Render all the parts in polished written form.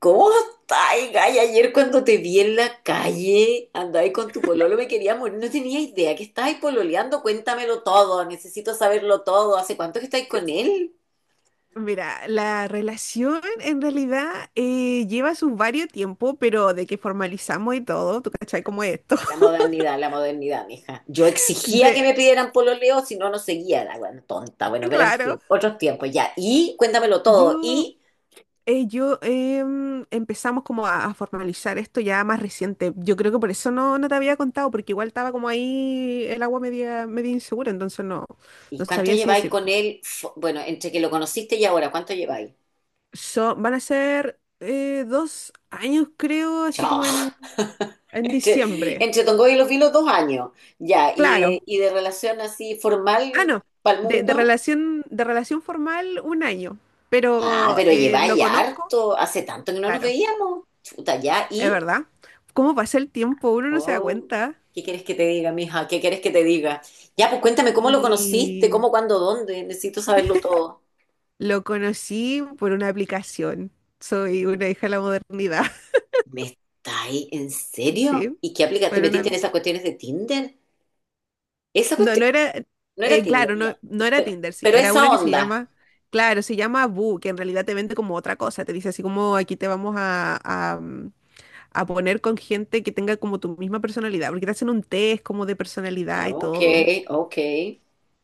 ¿Cómo estáis, Gay? Ayer cuando te vi en la calle, andáis con tu pololo, me quería morir. No tenía idea que estabais pololeando. Cuéntamelo todo, necesito saberlo todo. ¿Hace cuánto que estáis con él? Mira, la relación en realidad lleva su varios tiempo, pero de que formalizamos y todo, ¿tú cachai cómo es esto? La modernidad, mija. Yo exigía que De, me pidieran pololeo, si no, no seguía. La bueno, tonta, bueno, pero en claro, fin, otros tiempos ya. Y cuéntamelo todo. yo, ¿Y, empezamos como a formalizar esto ya más reciente. Yo creo que por eso no te había contado, porque igual estaba como ahí el agua media insegura, entonces no, y no cuánto sabía si lleváis con decirte. él? Bueno, entre que lo conociste y ahora, ¿cuánto lleváis? Van a ser dos años, creo, así Chao. como en, Entre, diciembre. entre Tongoy y Los Vilos, 2 años. Ya, y de, Claro. y de relación así Ah, formal no, para el mundo. De relación formal un año, Ah, pero pero lo lleváis conozco, harto. Hace tanto que no nos claro, veíamos. Chuta, ya. es ¿Y? verdad. ¿Cómo pasa el tiempo? Uno no se da Oh, cuenta. ¿qué quieres que te diga, mija? ¿Qué quieres que te diga? Ya, pues cuéntame cómo lo conociste, Y cómo, cuándo, dónde. Necesito saberlo todo. lo conocí por una aplicación. Soy una hija de la modernidad. ¿Me estáis en serio? ¿Sí? ¿Y qué aplica? ¿Te Por metiste una... en esas cuestiones de Tinder? ¿Esa No, cuestión? No era Tinder, claro, ya. no era Pero, Tinder, sí, pero era esa una que onda. Claro, se llama Boo, que en realidad te vende como otra cosa, te dice así como aquí te vamos a poner con gente que tenga como tu misma personalidad, porque te hacen un test como de personalidad Ah, y ok, todo. ok.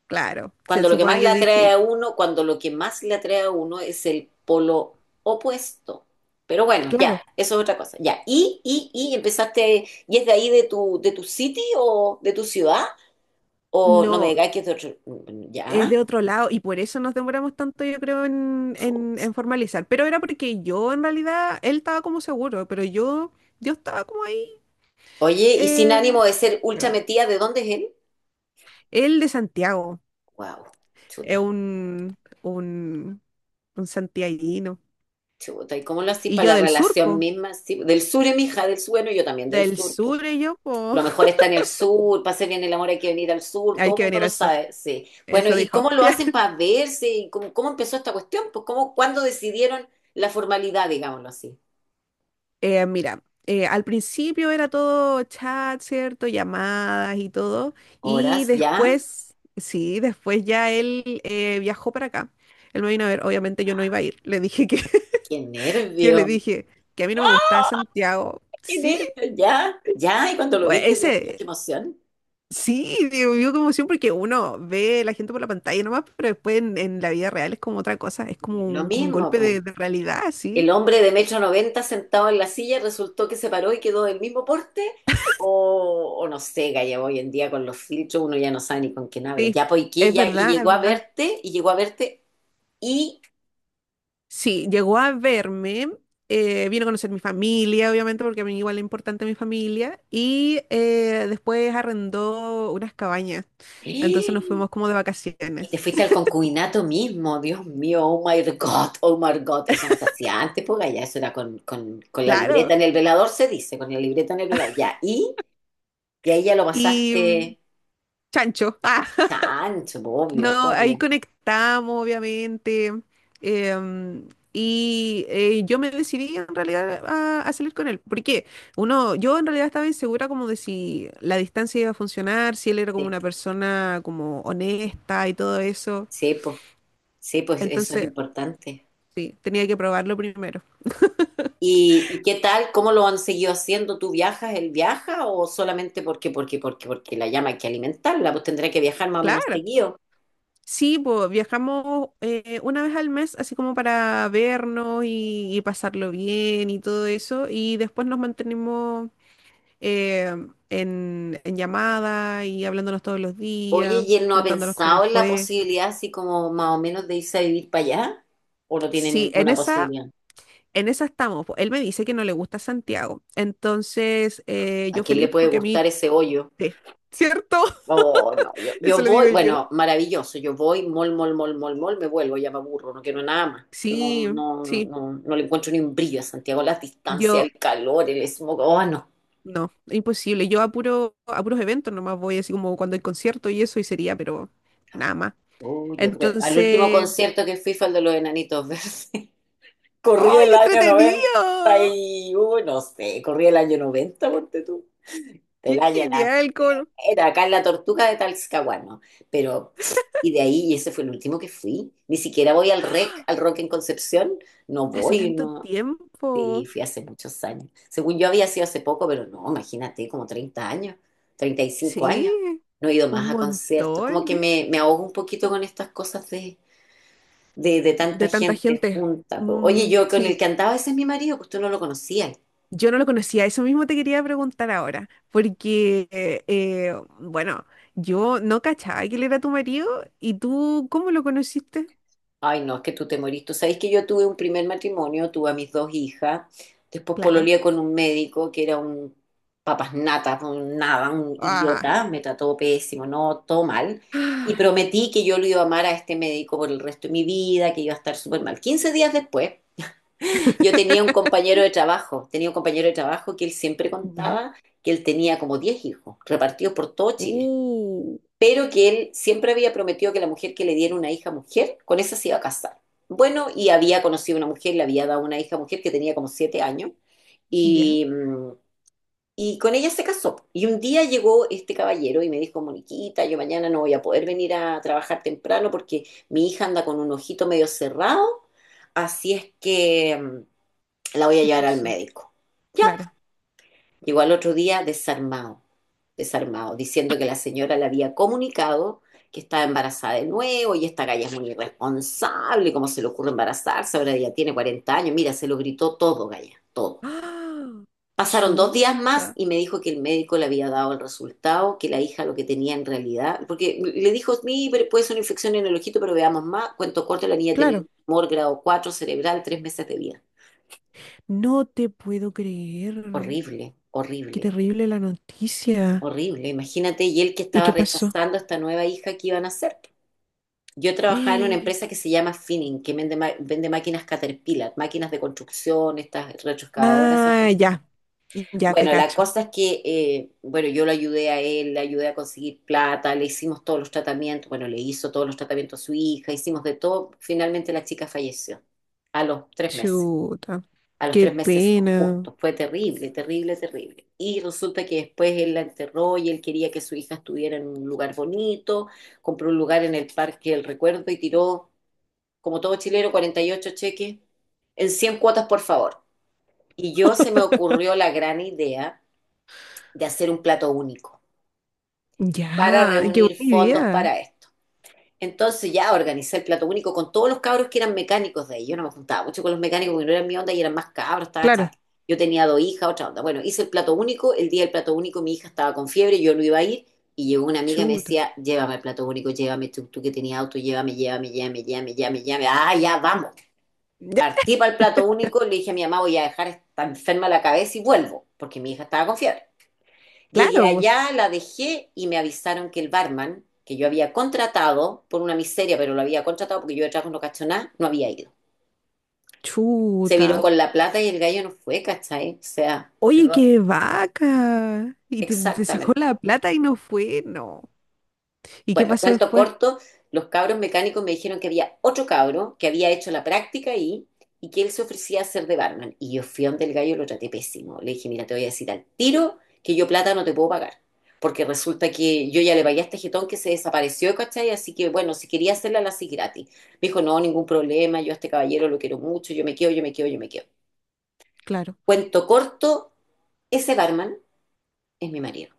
Claro, se Cuando lo que supone más que le es atrae a distinto. uno, cuando lo que más le atrae a uno es el polo opuesto. Pero bueno, ya, Claro, eso es otra cosa. Ya. ¿Y empezaste, y es de ahí de tu city o de tu ciudad? O no me no, digas que es de otro. Mm, es ya. de otro lado y por eso nos demoramos tanto, yo creo, en, Fu- en, en formalizar. Pero era porque yo, en realidad, él estaba como seguro, pero yo estaba como ahí. Oye, y sin eh, ánimo de ser ultra Perdón. metida, ¿de dónde es él? Él de Santiago, Wow, es chuta, un santiaguino. chuta. ¿Y cómo lo haces Y para yo la del sur, relación po. misma? Sí, del sur, mi hija, del sur, bueno, yo también del Del sur. sur y yo, po. Lo mejor está en el sur, para hacer bien el amor hay que venir al sur, Hay todo el que mundo venir lo al sur, sabe, sí. Bueno, eso ¿y dijo. cómo lo hacen para verse? ¿Y cómo empezó esta cuestión? Pues, ¿cómo, cuándo decidieron la formalidad, digámoslo así? Mira, al principio era todo chat, ¿cierto? Llamadas y todo. Y ¿Horas ya? después, sí, después ya él viajó para acá. Él me vino a ver, obviamente yo no iba a ir. Le dije que, ¡Qué yo le nervio! dije que a mí no me gustaba Santiago. ¡Qué Sí, nervio! ¿Ya? ¿Ya? ¿Y cuando lo o viste, Dios mío, qué ese, emoción? sí, digo, vio como emoción porque uno ve la gente por la pantalla nomás, pero después en la vida real es como otra cosa, es como Lo un, como un mismo, golpe de, pues. de realidad, ¿El sí. hombre de 1,90 sentado en la silla resultó que se paró y quedó del mismo porte? O no sé, Gaya, hoy en día con los filtros uno ya no sabe ni con quién habla. Sí, Ya poiqué, es ya, y verdad, es llegó a verdad. verte, y llegó a verte, y, Sí, llegó a verme, vino a conocer mi familia, obviamente, porque a mí igual es importante mi familia, y después arrendó unas cabañas, entonces nos y fuimos como de te vacaciones, fuiste al concubinato mismo. Dios mío, oh my God, oh my God. Eso no se hacía antes, pues Gaya, eso era con la libreta claro, en el velador, se dice, con la libreta en el velador. Ya, y ahí ya lo y pasaste chancho. chancho, pues, obvio, No, ahí obvio. conectamos, obviamente. em, y yo me decidí en realidad a salir con él. Porque yo en realidad estaba insegura como de si la distancia iba a funcionar, si él era como Sí. una persona como honesta y todo eso. Sí, pues, sí, pues eso es Entonces, importante. sí, tenía que probarlo primero. ¿Y qué tal? ¿Cómo lo han seguido haciendo? ¿Tú viajas, él viaja o solamente porque la llama hay que alimentarla? Pues tendrá que viajar más o menos Claro. seguido. Sí, pues viajamos una vez al mes, así como para vernos y pasarlo bien y todo eso. Y después nos mantenimos, eh, en llamada y hablándonos todos los Oye, días, ¿y él no ha contándonos cómo nos pensado en la fue. posibilidad así como más o menos de irse a vivir para allá? ¿O no tiene Sí, ninguna posibilidad? en esa estamos, po. Él me dice que no le gusta Santiago. Entonces, ¿A yo quién le feliz puede porque a mí, gustar ese hoyo? sí, ¿cierto? Oh, no, yo, Eso yo le digo voy, yo. bueno, maravilloso, yo voy, mol, mol, mol, mol, mol, me vuelvo, ya me aburro, no quiero nada más. Sí, No, no, no, sí, no, no le encuentro ni un brillo a Santiago, las distancias, yo el calor, el smog, oh, no. no, imposible. Yo a puros eventos nomás voy, así como cuando hay concierto y eso, y sería, pero nada más. Oh, yo creo, al último Entonces, concierto que fui fue el de los Enanitos Verdes. Corrí ¡ay, el qué año entretenido! 91, no sé, corrí el año 1990 ponte tú. El ¡Qué año, la genial! Era acá en la Tortuga de Talcahuano, pero pff, y de ahí, y ese fue el último que fui. Ni siquiera voy al REC, al Rock en Concepción, no Hace voy, tanto no. tiempo. Sí, fui hace muchos años. Según yo había sido hace poco, pero no, imagínate, como 30 años, 35 años. Sí, No he ido más un a conciertos. Como que montón me ahogo un poquito con estas cosas de tanta de tanta gente gente. junta. Po. Oye, Mm, yo con el sí, que andaba, ese es mi marido, pues tú no lo conocías. yo no lo conocía. Eso mismo te quería preguntar ahora, porque, bueno, yo no cachaba que él era tu marido y tú, ¿cómo lo conociste? Ay, no, es que tú te morís. Tú sabes que yo tuve un primer matrimonio, tuve a mis 2 hijas, después Claro. pololeé con un médico que era un papas nata, un nada, un Ah. idiota, me trató pésimo, no, todo mal. Y Ah. prometí que yo lo iba a amar a este médico por el resto de mi vida, que iba a estar súper mal. 15 días después, yo tenía un compañero de trabajo, tenía un compañero de trabajo que él siempre Ya. contaba que él tenía como 10 hijos, repartidos por todo Chile, Uh, pero que él siempre había prometido que la mujer que le diera una hija mujer, con esa se iba a casar. Bueno, y había conocido una mujer, le había dado una hija mujer que tenía como 7 años, ya. y, y con ella se casó. Y un día llegó este caballero y me dijo, Moniquita, yo mañana no voy a poder venir a trabajar temprano porque mi hija anda con un ojito medio cerrado, así es que la voy a ¿Qué llevar al pasó? médico. Ya, Claro. llegó al otro día desarmado, desarmado, diciendo que la señora le había comunicado que estaba embarazada de nuevo y esta galla es muy irresponsable, ¿cómo se le ocurre embarazarse? Ahora ya tiene 40 años, mira, se lo gritó todo, galla, todo. Ah, Pasaron dos días más chuta. y me dijo que el médico le había dado el resultado, que la hija lo que tenía en realidad, porque le dijo, sí, pero puede ser una infección en el ojito, pero veamos más. Cuento corto, la niña tenía un Claro. tumor grado 4 cerebral, 3 meses de vida. No te puedo creer. Horrible, Qué horrible. terrible la noticia. Horrible, imagínate, y él que ¿Y estaba qué pasó? rechazando a esta nueva hija que iban a hacer. Yo trabajaba en una empresa que se llama Finning, que vende máquinas Caterpillar, máquinas de construcción, estas retroexcavadoras, esas Ah, cuestiones. ya, ya te Bueno, la cacho. cosa es que, bueno, yo lo ayudé a él, le ayudé a conseguir plata, le hicimos todos los tratamientos, bueno, le hizo todos los tratamientos a su hija, hicimos de todo. Finalmente la chica falleció a los tres meses Chuta, a los qué tres meses pena. justo. Fue terrible, terrible, terrible. Y resulta que después él la enterró y él quería que su hija estuviera en un lugar bonito, compró un lugar en el Parque del Recuerdo y tiró, como todo chileno, 48 cheques en 100 cuotas, por favor. Y yo se me ocurrió la gran idea de hacer un plato único para Ya, qué reunir buena fondos idea. para esto. Entonces ya organizé el plato único con todos los cabros que eran mecánicos de ahí. Yo no me juntaba mucho con los mecánicos porque no eran mi onda y eran más cabros, estaba Claro, chata. Yo tenía 2 hijas, otra onda. Bueno, hice el plato único. El día del plato único mi hija estaba con fiebre, yo no iba a ir. Y llegó una amiga y me chuta. decía, llévame al plato único, llévame tú, tú que tenías auto, llévame, llévame, llévame, llévame, llévame, llévame. Ah, ya, vamos. Ya. Partí para el plato único, le dije a mi mamá, voy a dejar esta enferma la cabeza y vuelvo, porque mi hija estaba con fiebre. Llegué Claro, pues, allá, la dejé y me avisaron que el barman, que yo había contratado por una miseria, pero lo había contratado porque yo de trabajo no cacho nada, no había ido. Se viró chuta. con la plata y el gallo no fue, ¿cachai? O sea, Oye, perdón, qué vaca. Y te sacó exactamente. la plata y no fue, no. ¿Y qué Bueno, pasó cuento después? corto, los cabros mecánicos me dijeron que había otro cabro que había hecho la práctica ahí y que él se ofrecía a ser de barman. Y yo fui donde el gallo, lo traté pésimo. Le dije, mira, te voy a decir al tiro que yo plata no te puedo pagar. Porque resulta que yo ya le pagué a este jetón que se desapareció, ¿cachai? Así que, bueno, si quería hacerla, la hacía gratis. Me dijo, no, ningún problema, yo a este caballero lo quiero mucho, yo me quedo, yo me quedo, yo me quedo. Claro. Cuento corto, ese barman es mi marido.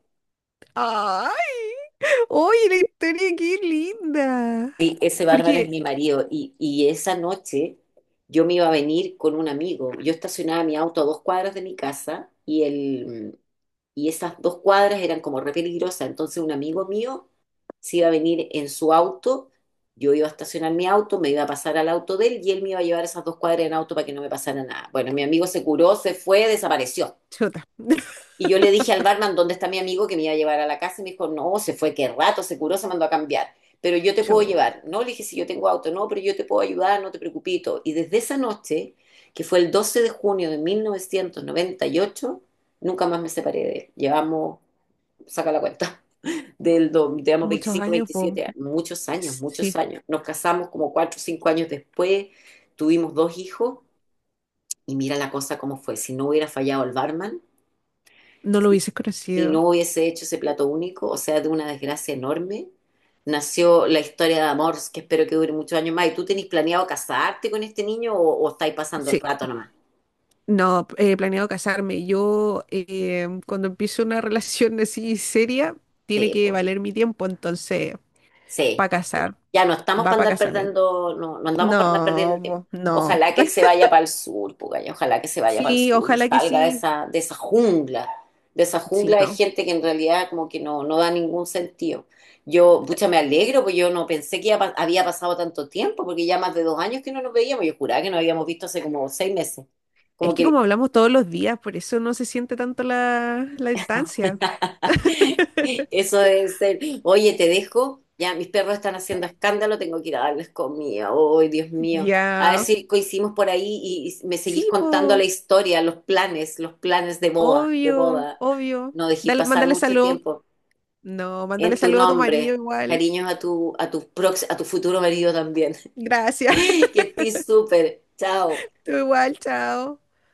¡Ay! Oye, la historia, qué linda. Sí, ese bárbaro es Porque, mi marido. Y esa noche yo me iba a venir con un amigo. Yo estacionaba mi auto a 2 cuadras de mi casa y esas 2 cuadras eran como re peligrosas. Entonces un amigo mío se iba a venir en su auto. Yo iba a estacionar mi auto, me iba a pasar al auto de él y él me iba a llevar esas 2 cuadras en auto para que no me pasara nada. Bueno, mi amigo se curó, se fue, desapareció. chuta, Y yo le dije al barman dónde está mi amigo que me iba a llevar a la casa y me dijo, no, se fue, qué rato, se curó, se mandó a cambiar. Pero yo te puedo chuta. llevar. No, le dije, si yo tengo auto. No, pero yo te puedo ayudar, no te preocupes. Y desde esa noche, que fue el 12 de junio de 1998, nunca más me separé de él. Llevamos, saca la cuenta, digamos, Muchos 25, años, pues. 27 años, muchos años, muchos Sí, años. Nos casamos como 4 o 5 años después, tuvimos 2 hijos y mira la cosa cómo fue. Si no hubiera fallado el barman, no lo si hubiese si conocido. no hubiese hecho ese plato único, o sea, de una desgracia enorme, nació la historia de amor, que espero que dure muchos años más. ¿Y tú tenés planeado casarte con este niño o estáis pasando el Sí, rato nomás? no, he planeado casarme. Yo, cuando empiezo una relación así seria, tiene Sí, que pues. valer mi tiempo, entonces, para Sí, sí. casar, Ya no estamos va para para andar casamiento. perdiendo, no, no andamos para andar perdiendo No, el tiempo. po, no. Ojalá que él se vaya para el sur, Pugaya, ojalá que se vaya para el Sí, sur y ojalá que salga de sí. esa, de esa jungla, de esa Sí, jungla de no. gente que en realidad como que no, no da ningún sentido. Yo, pucha, me alegro, porque yo no pensé que ya había pasado tanto tiempo, porque ya más de 2 años que no nos veíamos, yo juraba que nos habíamos visto hace como 6 meses. Es Como que que como hablamos todos los días, por eso no se siente tanto la distancia. eso debe ser. Oye, te dejo. Ya, mis perros están haciendo escándalo, tengo que ir a darles comida. Ay, Dios mío. A ver Ya. si coincidimos por ahí y me seguís Sí, contando po, la historia, los planes de boda, de obvio, boda. obvio. No dejé Dale, pasar mándale mucho saludos. tiempo No, mándale en tu saludos a tu marido nombre. igual. Cariños a tu futuro marido también. Gracias. Que estés súper. Chao. Tú igual, chao.